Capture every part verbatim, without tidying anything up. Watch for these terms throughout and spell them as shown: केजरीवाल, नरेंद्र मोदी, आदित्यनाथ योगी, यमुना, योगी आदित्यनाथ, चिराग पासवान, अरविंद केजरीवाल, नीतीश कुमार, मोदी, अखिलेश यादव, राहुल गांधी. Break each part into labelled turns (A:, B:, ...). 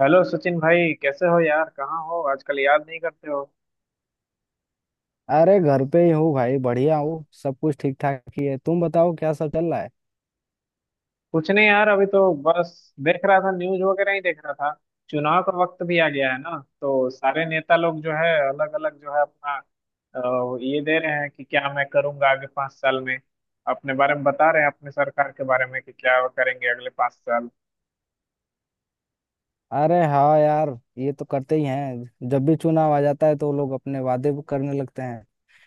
A: Hello Sachin भाई, कैसे हो यार? कहाँ हो आजकल, याद नहीं करते हो?
B: अरे घर पे ही हूँ भाई। बढ़िया हूँ, सब कुछ ठीक ठाक ही है। तुम बताओ क्या सब चल रहा है।
A: कुछ नहीं यार, अभी तो बस देख रहा था, न्यूज वगैरह ही देख रहा था। चुनाव का वक्त भी आ गया है ना, तो सारे नेता लोग जो है अलग अलग जो है अपना अ, ये दे रहे हैं कि क्या मैं करूंगा आगे पाँच साल में। अपने बारे में बता रहे हैं, अपने सरकार के बारे में कि क्या वो करेंगे अगले पाँच साल।
B: अरे हाँ यार, ये तो करते ही हैं। जब भी चुनाव आ जाता है तो लोग अपने वादे भी करने लगते हैं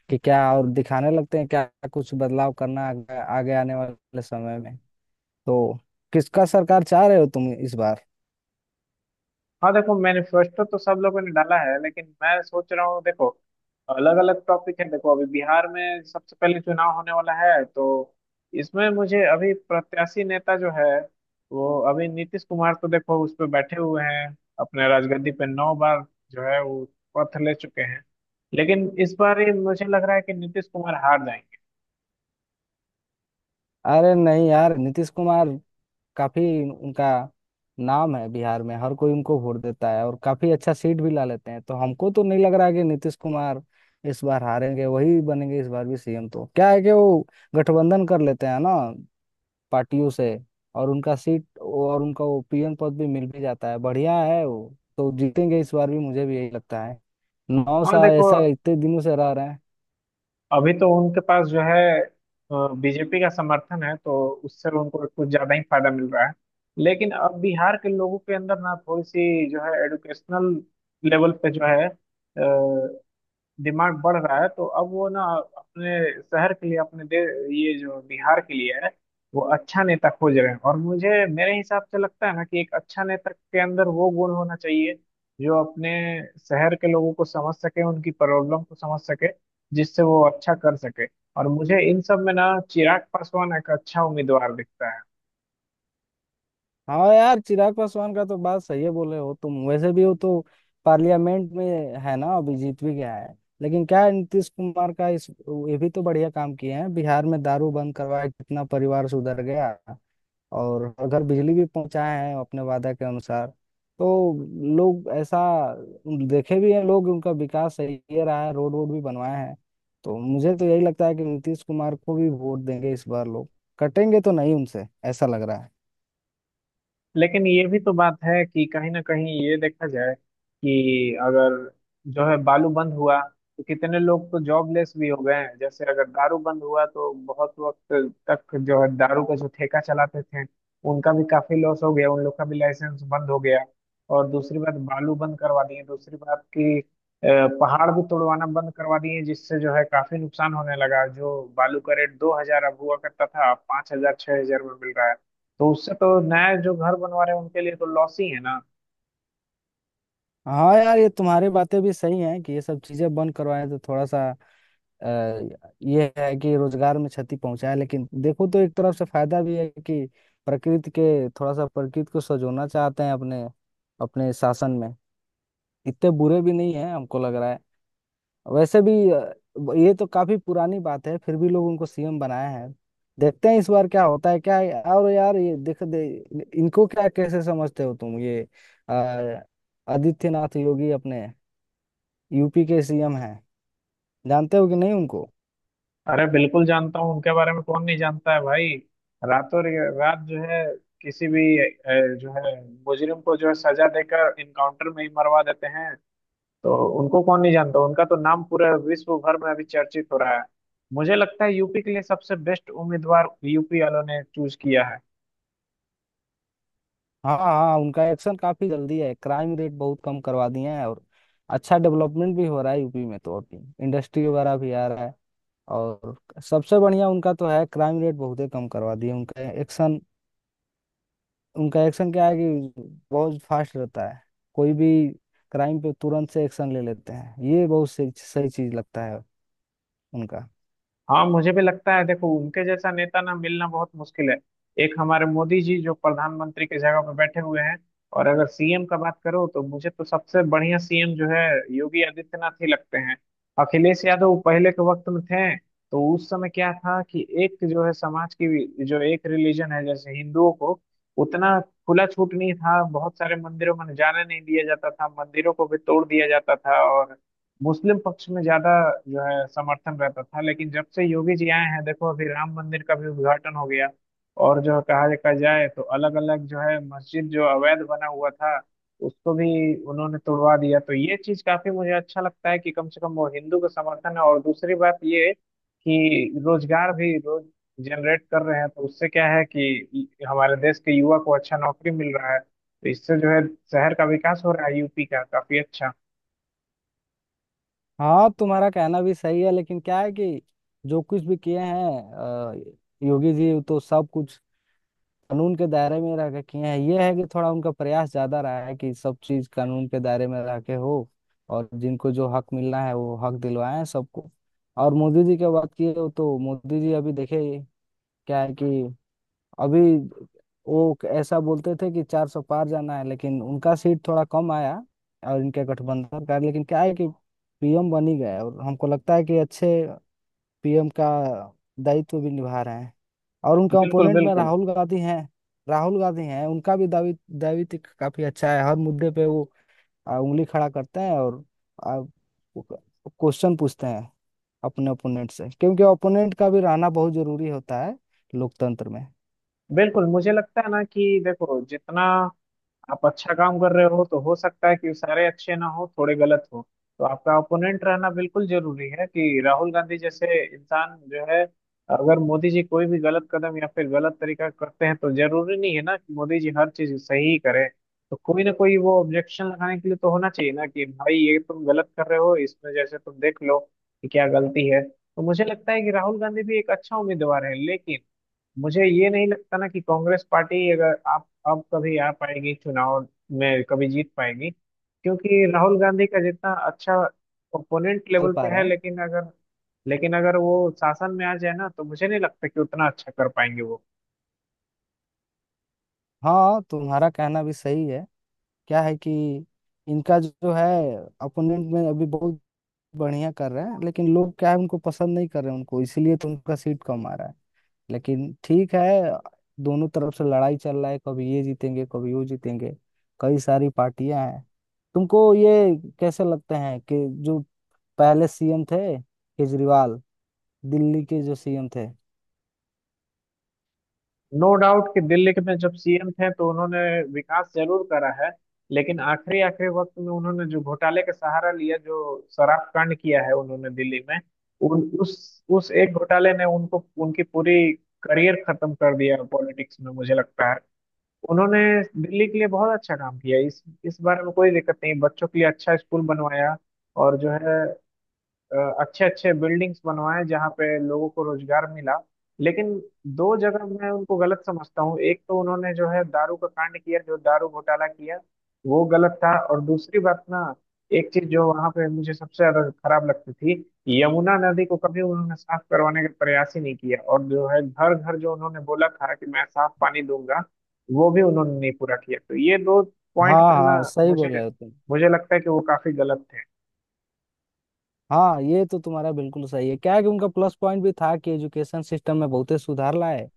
B: कि क्या और दिखाने लगते हैं क्या। कुछ बदलाव करना है आगे, आगे आने वाले समय में। तो किसका सरकार चाह रहे हो तुम इस बार।
A: हाँ देखो, मैनिफेस्टो तो तो सब लोगों ने डाला है, लेकिन मैं सोच रहा हूँ। देखो, अलग अलग टॉपिक है। देखो अभी बिहार में सबसे पहले चुनाव होने वाला है, तो इसमें मुझे अभी प्रत्याशी नेता जो है, वो अभी नीतीश कुमार तो देखो उस पर बैठे हुए हैं, अपने राजगद्दी पे नौ बार जो है वो पथ ले चुके हैं। लेकिन इस बार ये मुझे लग रहा है कि नीतीश कुमार हार जाएंगे।
B: अरे नहीं यार, नीतीश कुमार काफी, उनका नाम है बिहार में। हर कोई उनको वोट देता है और काफी अच्छा सीट भी ला लेते हैं। तो हमको तो नहीं लग रहा है कि नीतीश कुमार इस बार हारेंगे। वही बनेंगे इस बार भी सीएम। तो क्या है कि वो गठबंधन कर लेते हैं ना पार्टियों से, और उनका सीट और उनका वो पीएम पद भी मिल भी जाता है। बढ़िया है, वो तो जीतेंगे इस बार भी। मुझे भी यही लगता है। नौ
A: हाँ
B: साल
A: देखो,
B: ऐसा इतने दिनों से रह रहे हैं।
A: अभी तो उनके पास जो है बीजेपी का समर्थन है, तो उससे उनको कुछ ज्यादा ही फायदा मिल रहा है। लेकिन अब बिहार के लोगों के अंदर ना थोड़ी सी जो है एडुकेशनल लेवल पे जो है डिमांड बढ़ रहा है, तो अब वो ना अपने शहर के लिए अपने दे, ये जो बिहार के लिए है, वो अच्छा नेता खोज रहे हैं। और मुझे, मेरे हिसाब से लगता है ना कि एक अच्छा नेता के अंदर वो गुण होना चाहिए जो अपने शहर के लोगों को समझ सके, उनकी प्रॉब्लम को समझ सके, जिससे वो अच्छा कर सके। और मुझे इन सब में ना चिराग पासवान एक अच्छा उम्मीदवार दिखता है।
B: हाँ यार, चिराग पासवान का तो बात सही है बोले हो तुम। वैसे भी वो तो पार्लियामेंट में है ना, अभी जीत भी गया है। लेकिन क्या है, नीतीश कुमार का इस, ये भी तो बढ़िया काम किए हैं बिहार में। दारू बंद करवाया, कितना परिवार सुधर गया। और हर घर बिजली भी पहुंचाए हैं अपने वादा के अनुसार। तो लोग ऐसा देखे भी हैं। लोग उनका विकास सही है रहा है, रोड वोड भी बनवाए हैं। तो मुझे तो यही लगता है कि नीतीश कुमार को भी वोट देंगे इस बार लोग। कटेंगे तो नहीं उनसे, ऐसा लग रहा है।
A: लेकिन ये भी तो बात है कि कहीं ना कहीं ये देखा जाए कि अगर जो है बालू बंद हुआ तो कितने लोग तो जॉबलेस भी हो गए हैं। जैसे अगर दारू बंद हुआ तो बहुत वक्त तक जो है दारू का जो ठेका चलाते थे, उनका भी काफी लॉस हो गया, उन लोग का भी लाइसेंस बंद हो गया। और दूसरी बात, बालू बंद करवा दिए। दूसरी बात कि अ, पहाड़ भी तोड़वाना बंद करवा दिए, जिससे जो है काफी नुकसान होने लगा। जो बालू का रेट दो हज़ार अब हुआ करता था, अब पाँच हज़ार छह हज़ार में मिल रहा है। तो उससे तो नया जो घर बनवा रहे हैं उनके लिए तो लॉस ही है ना।
B: हाँ यार, ये तुम्हारी बातें भी सही हैं कि ये सब चीजें बंद करवाएं तो थोड़ा सा अ, ये है कि रोजगार में क्षति पहुंचाए। लेकिन देखो तो एक तरफ से फायदा भी है कि प्रकृति के थोड़ा सा, प्रकृति को सजोना चाहते हैं अपने अपने शासन में। इतने बुरे भी नहीं है हमको लग रहा है। वैसे भी अ, ब- ये तो काफी पुरानी बात है, फिर भी लोग उनको सीएम बनाया है। देखते हैं इस बार क्या होता है क्या है? और यार, ये देख दे इनको, क्या कैसे समझते हो तुम ये अ, आदित्यनाथ योगी। अपने यूपी के सीएम हैं, जानते हो कि नहीं उनको।
A: अरे बिल्कुल जानता हूँ उनके बारे में, कौन नहीं जानता है भाई। रातों रे- रात जो है किसी भी अ, जो है मुजरिम को जो है सजा देकर इनकाउंटर में ही मरवा देते हैं। तो उनको कौन नहीं जानता, उनका तो नाम पूरे विश्व भर में अभी चर्चित हो रहा है। मुझे लगता है यूपी के लिए सबसे बेस्ट उम्मीदवार यूपी वालों ने चूज किया है।
B: हाँ हाँ, उनका एक्शन काफी जल्दी है। क्राइम रेट बहुत कम करवा दिए हैं और अच्छा डेवलपमेंट भी हो रहा है यूपी में। तो अभी इंडस्ट्री वगैरह भी आ रहा है। और सबसे बढ़िया उनका तो है, क्राइम रेट बहुत ही कम करवा दिए। उनका एक्शन उनका एक्शन क्या है कि बहुत फास्ट रहता है। कोई भी क्राइम पे तुरंत से एक्शन ले लेते हैं। ये बहुत सही सही चीज लगता है उनका।
A: हाँ मुझे भी लगता है, देखो उनके जैसा नेता ना मिलना बहुत मुश्किल है। एक हमारे मोदी जी जो प्रधानमंत्री की जगह पर बैठे हुए हैं, और अगर सीएम का बात करो तो मुझे तो सबसे बढ़िया सीएम जो है योगी आदित्यनाथ ही लगते हैं। अखिलेश यादव पहले के वक्त में थे तो उस समय क्या था कि एक जो है समाज की जो एक रिलीजन है, जैसे हिंदुओं को उतना खुला छूट नहीं था, बहुत सारे मंदिरों में जाने नहीं दिया जाता था, मंदिरों को भी तोड़ दिया जाता था, और मुस्लिम पक्ष में ज्यादा जो है समर्थन रहता था। लेकिन जब से योगी जी आए हैं, देखो अभी राम मंदिर का भी उद्घाटन हो गया, और जो कहा देखा जाए तो अलग अलग जो है मस्जिद जो अवैध बना हुआ था, उसको भी उन्होंने तोड़वा दिया। तो ये चीज काफी मुझे अच्छा लगता है कि कम से कम वो हिंदू का समर्थन है। और दूसरी बात ये कि रोजगार भी रोज जनरेट कर रहे हैं, तो उससे क्या है कि हमारे देश के युवा को अच्छा नौकरी मिल रहा है, तो इससे जो है शहर का विकास हो रहा है यूपी का काफी अच्छा।
B: हाँ तुम्हारा कहना भी सही है। लेकिन क्या है कि जो कुछ भी किए हैं अ, योगी जी तो सब कुछ कानून के दायरे में रह के किए हैं। ये है कि थोड़ा उनका प्रयास ज्यादा रहा है कि सब चीज कानून के दायरे में रह के हो। और जिनको जो हक मिलना है वो हक दिलवाए हैं सबको। और मोदी जी के बात की हो तो मोदी जी अभी देखे, क्या है कि अभी वो ऐसा बोलते थे कि चार सौ पार जाना है। लेकिन उनका सीट थोड़ा कम आया और इनके गठबंधन का। लेकिन क्या है कि पीएम बन ही गए और हमको लगता है कि अच्छे पीएम का दायित्व भी निभा रहे हैं। और उनके
A: बिल्कुल
B: ओपोनेंट में
A: बिल्कुल।
B: राहुल गांधी हैं। राहुल गांधी हैं, उनका भी दावी दावित्व काफी अच्छा है। हर मुद्दे पे वो आ, उंगली खड़ा करते हैं और क्वेश्चन पूछते हैं अपने ओपोनेंट से। क्योंकि ओपोनेंट का भी रहना बहुत जरूरी होता है लोकतंत्र में।
A: बिल्कुल मुझे लगता है ना कि देखो, जितना आप अच्छा काम कर रहे हो तो हो सकता है कि सारे अच्छे ना हो, थोड़े गलत हो। तो आपका ओपोनेंट रहना बिल्कुल जरूरी है कि राहुल गांधी जैसे इंसान जो है, अगर मोदी जी कोई भी गलत कदम या फिर गलत तरीका करते हैं, तो जरूरी नहीं है ना कि मोदी जी हर चीज सही ही करें। तो कोई ना कोई वो ऑब्जेक्शन लगाने के लिए तो होना चाहिए ना कि भाई ये तुम गलत कर रहे हो, इसमें जैसे तुम देख लो कि क्या गलती है। तो मुझे लगता है कि राहुल गांधी भी एक अच्छा उम्मीदवार है, लेकिन मुझे ये नहीं लगता ना कि कांग्रेस पार्टी अगर आप अब कभी आ पाएगी, चुनाव में कभी जीत पाएगी। क्योंकि राहुल गांधी का जितना अच्छा ओपोनेंट
B: चल
A: लेवल पे
B: पा रहे
A: है,
B: हैं।
A: लेकिन अगर, लेकिन अगर वो शासन में आ जाए ना तो मुझे नहीं लगता कि उतना अच्छा कर पाएंगे वो।
B: हाँ तुम्हारा कहना भी सही है। क्या है कि इनका जो है अपोनेंट में अभी बहुत बढ़िया कर रहे हैं। लेकिन लोग क्या है उनको पसंद नहीं कर रहे हैं उनको, इसीलिए तो उनका सीट कम आ रहा है। लेकिन ठीक है, दोनों तरफ से लड़ाई चल रहा है। कभी ये जीतेंगे कभी वो जीतेंगे। कई सारी पार्टियां हैं। तुमको ये कैसे लगते हैं कि जो पहले सीएम थे केजरीवाल, दिल्ली के जो सीएम थे।
A: नो डाउट कि दिल्ली के में जब सीएम थे तो उन्होंने विकास जरूर करा है, लेकिन आखिरी आखिरी वक्त में उन्होंने जो घोटाले का सहारा लिया, जो शराब कांड किया है उन्होंने दिल्ली में, उन उस उस एक घोटाले ने उनको, उनकी पूरी करियर खत्म कर दिया पॉलिटिक्स में, मुझे लगता है। उन्होंने दिल्ली के लिए बहुत अच्छा काम किया, इस इस बारे में कोई दिक्कत नहीं। बच्चों के लिए अच्छा स्कूल बनवाया, और जो है अच्छे अच्छे बिल्डिंग्स बनवाए, जहाँ पे लोगों को रोजगार मिला। लेकिन दो जगह मैं उनको गलत समझता हूँ। एक तो उन्होंने जो है दारू का कांड किया, जो दारू घोटाला किया, वो गलत था। और दूसरी बात ना, एक चीज जो वहां पे मुझे सबसे ज्यादा खराब लगती थी, यमुना नदी को कभी उन्होंने साफ करवाने का प्रयास ही नहीं किया। और जो है घर घर जो उन्होंने बोला था कि मैं साफ पानी दूंगा, वो भी उन्होंने नहीं पूरा किया। तो ये दो पॉइंट
B: हाँ
A: पे ना
B: हाँ, सही
A: मुझे
B: बोले हो तुम।
A: मुझे लगता है कि वो काफी गलत थे।
B: हाँ ये तो तुम्हारा बिल्कुल सही है। क्या है कि उनका प्लस पॉइंट भी था कि एजुकेशन सिस्टम में बहुत ही सुधार लाए।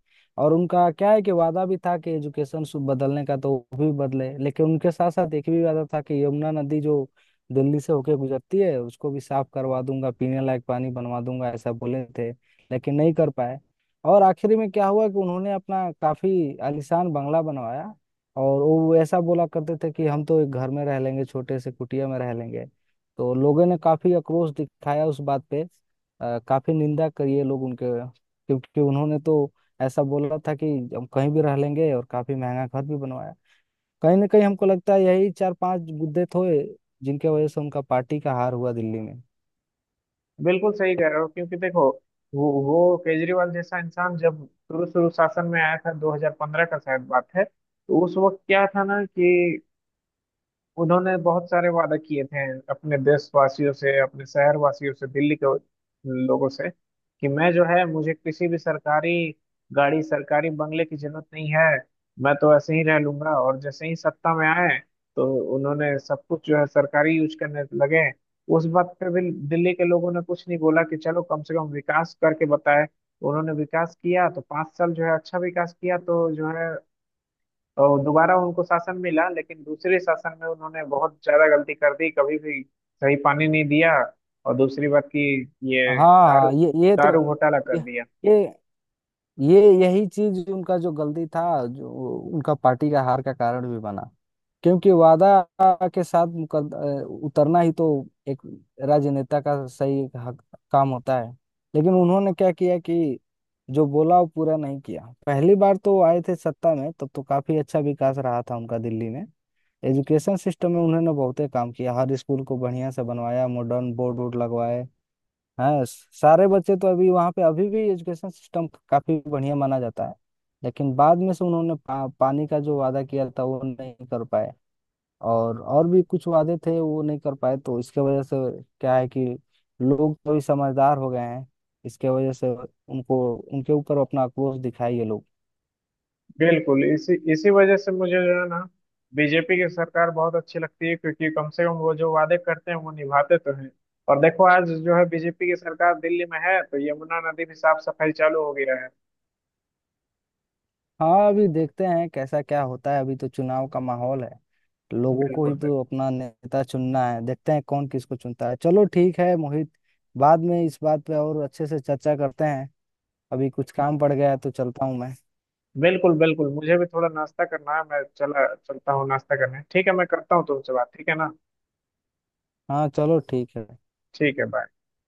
B: और उनका क्या है कि वादा भी था कि एजुकेशन सु- बदलने का, तो वो भी बदले। लेकिन उनके साथ साथ एक भी वादा था कि यमुना नदी जो दिल्ली से होके गुजरती है उसको भी साफ करवा दूंगा, पीने लायक पानी बनवा दूंगा ऐसा बोले थे। लेकिन नहीं कर पाए। और आखिर में क्या हुआ कि उन्होंने अपना काफी आलीशान बंगला बनवाया। और वो ऐसा बोला करते थे कि हम तो एक घर में रह लेंगे, छोटे से कुटिया में रह लेंगे। तो लोगों ने काफी आक्रोश दिखाया उस बात पे। अ, काफी निंदा करी है लोग उनके। क्योंकि उन्होंने तो ऐसा बोला था कि हम कहीं भी रह लेंगे, और काफी महंगा घर भी बनवाया। कहीं ना कहीं हमको लगता है यही चार पांच मुद्दे थे जिनके वजह से उनका पार्टी का हार हुआ दिल्ली में।
A: बिल्कुल सही कह रहे हो, क्योंकि देखो वो वो केजरीवाल जैसा इंसान जब शुरू शुरू शासन में आया था, दो हज़ार पंद्रह का शायद बात है, तो उस वक्त क्या था ना कि उन्होंने बहुत सारे वादा किए थे अपने देशवासियों से, अपने शहरवासियों से, दिल्ली के लोगों से कि मैं जो है, मुझे किसी भी सरकारी गाड़ी, सरकारी बंगले की जरूरत नहीं है, मैं तो ऐसे ही रह लूंगा। और जैसे ही सत्ता में आए तो उन्होंने सब कुछ जो है सरकारी यूज करने लगे। उस बात पे भी दिल्ली के लोगों ने कुछ नहीं बोला कि चलो कम से कम विकास करके बताए। उन्होंने विकास किया तो पाँच साल जो है अच्छा विकास किया, तो जो है और दोबारा उनको शासन मिला। लेकिन दूसरे शासन में उन्होंने बहुत ज्यादा गलती कर दी, कभी भी सही पानी नहीं दिया। और दूसरी बात की, ये
B: हाँ
A: दारू,
B: हाँ, ये ये
A: दारू
B: तो
A: घोटाला कर
B: ये
A: दिया।
B: ये ये यही चीज उनका जो गलती था, जो उनका पार्टी का हार का कारण भी बना। क्योंकि वादा के साथ मुकद- अ, उतरना ही तो एक राजनेता का सही एक हक, काम होता है। लेकिन उन्होंने क्या किया कि जो बोला वो पूरा नहीं किया। पहली बार तो वो आए थे सत्ता में, तब तो काफी अच्छा विकास रहा था उनका दिल्ली में। एजुकेशन सिस्टम में उन्होंने बहुते काम किया, हर स्कूल को बढ़िया से बनवाया, मॉडर्न बोर्ड वोर्ड लगवाए। हाँ, सारे बच्चे तो अभी वहाँ पे अभी भी एजुकेशन सिस्टम काफी बढ़िया माना जाता है। लेकिन बाद में से उन्होंने पा, पानी का जो वादा किया था वो नहीं कर पाए। और और भी कुछ वादे थे वो नहीं कर पाए। तो इसके वजह से क्या है कि लोग तो भी समझदार हो गए हैं। इसके वजह से उनको उनके ऊपर अपना आक्रोश दिखाए ये लोग।
A: बिल्कुल इसी इसी वजह से मुझे जो है ना बीजेपी की सरकार बहुत अच्छी लगती है, क्योंकि कम से कम वो जो वादे करते हैं वो निभाते तो हैं। और देखो आज जो है बीजेपी की सरकार दिल्ली में है, तो यमुना नदी भी साफ सफाई चालू हो गया है।
B: हाँ, अभी देखते हैं कैसा क्या होता है। अभी तो चुनाव का माहौल है। लोगों को
A: बिल्कुल
B: ही
A: बिल्कुल।
B: तो अपना नेता चुनना है, देखते हैं कौन किसको चुनता है। चलो ठीक है मोहित, बाद में इस बात पे और अच्छे से चर्चा करते हैं। अभी कुछ काम पड़ गया है तो चलता हूँ मैं।
A: बिल्कुल बिल्कुल मुझे भी थोड़ा नाश्ता करना है, मैं चला, चलता हूँ नाश्ता करने। ठीक है, मैं करता हूँ तुमसे बात, ठीक है ना।
B: हाँ चलो ठीक है।
A: ठीक है, बाय।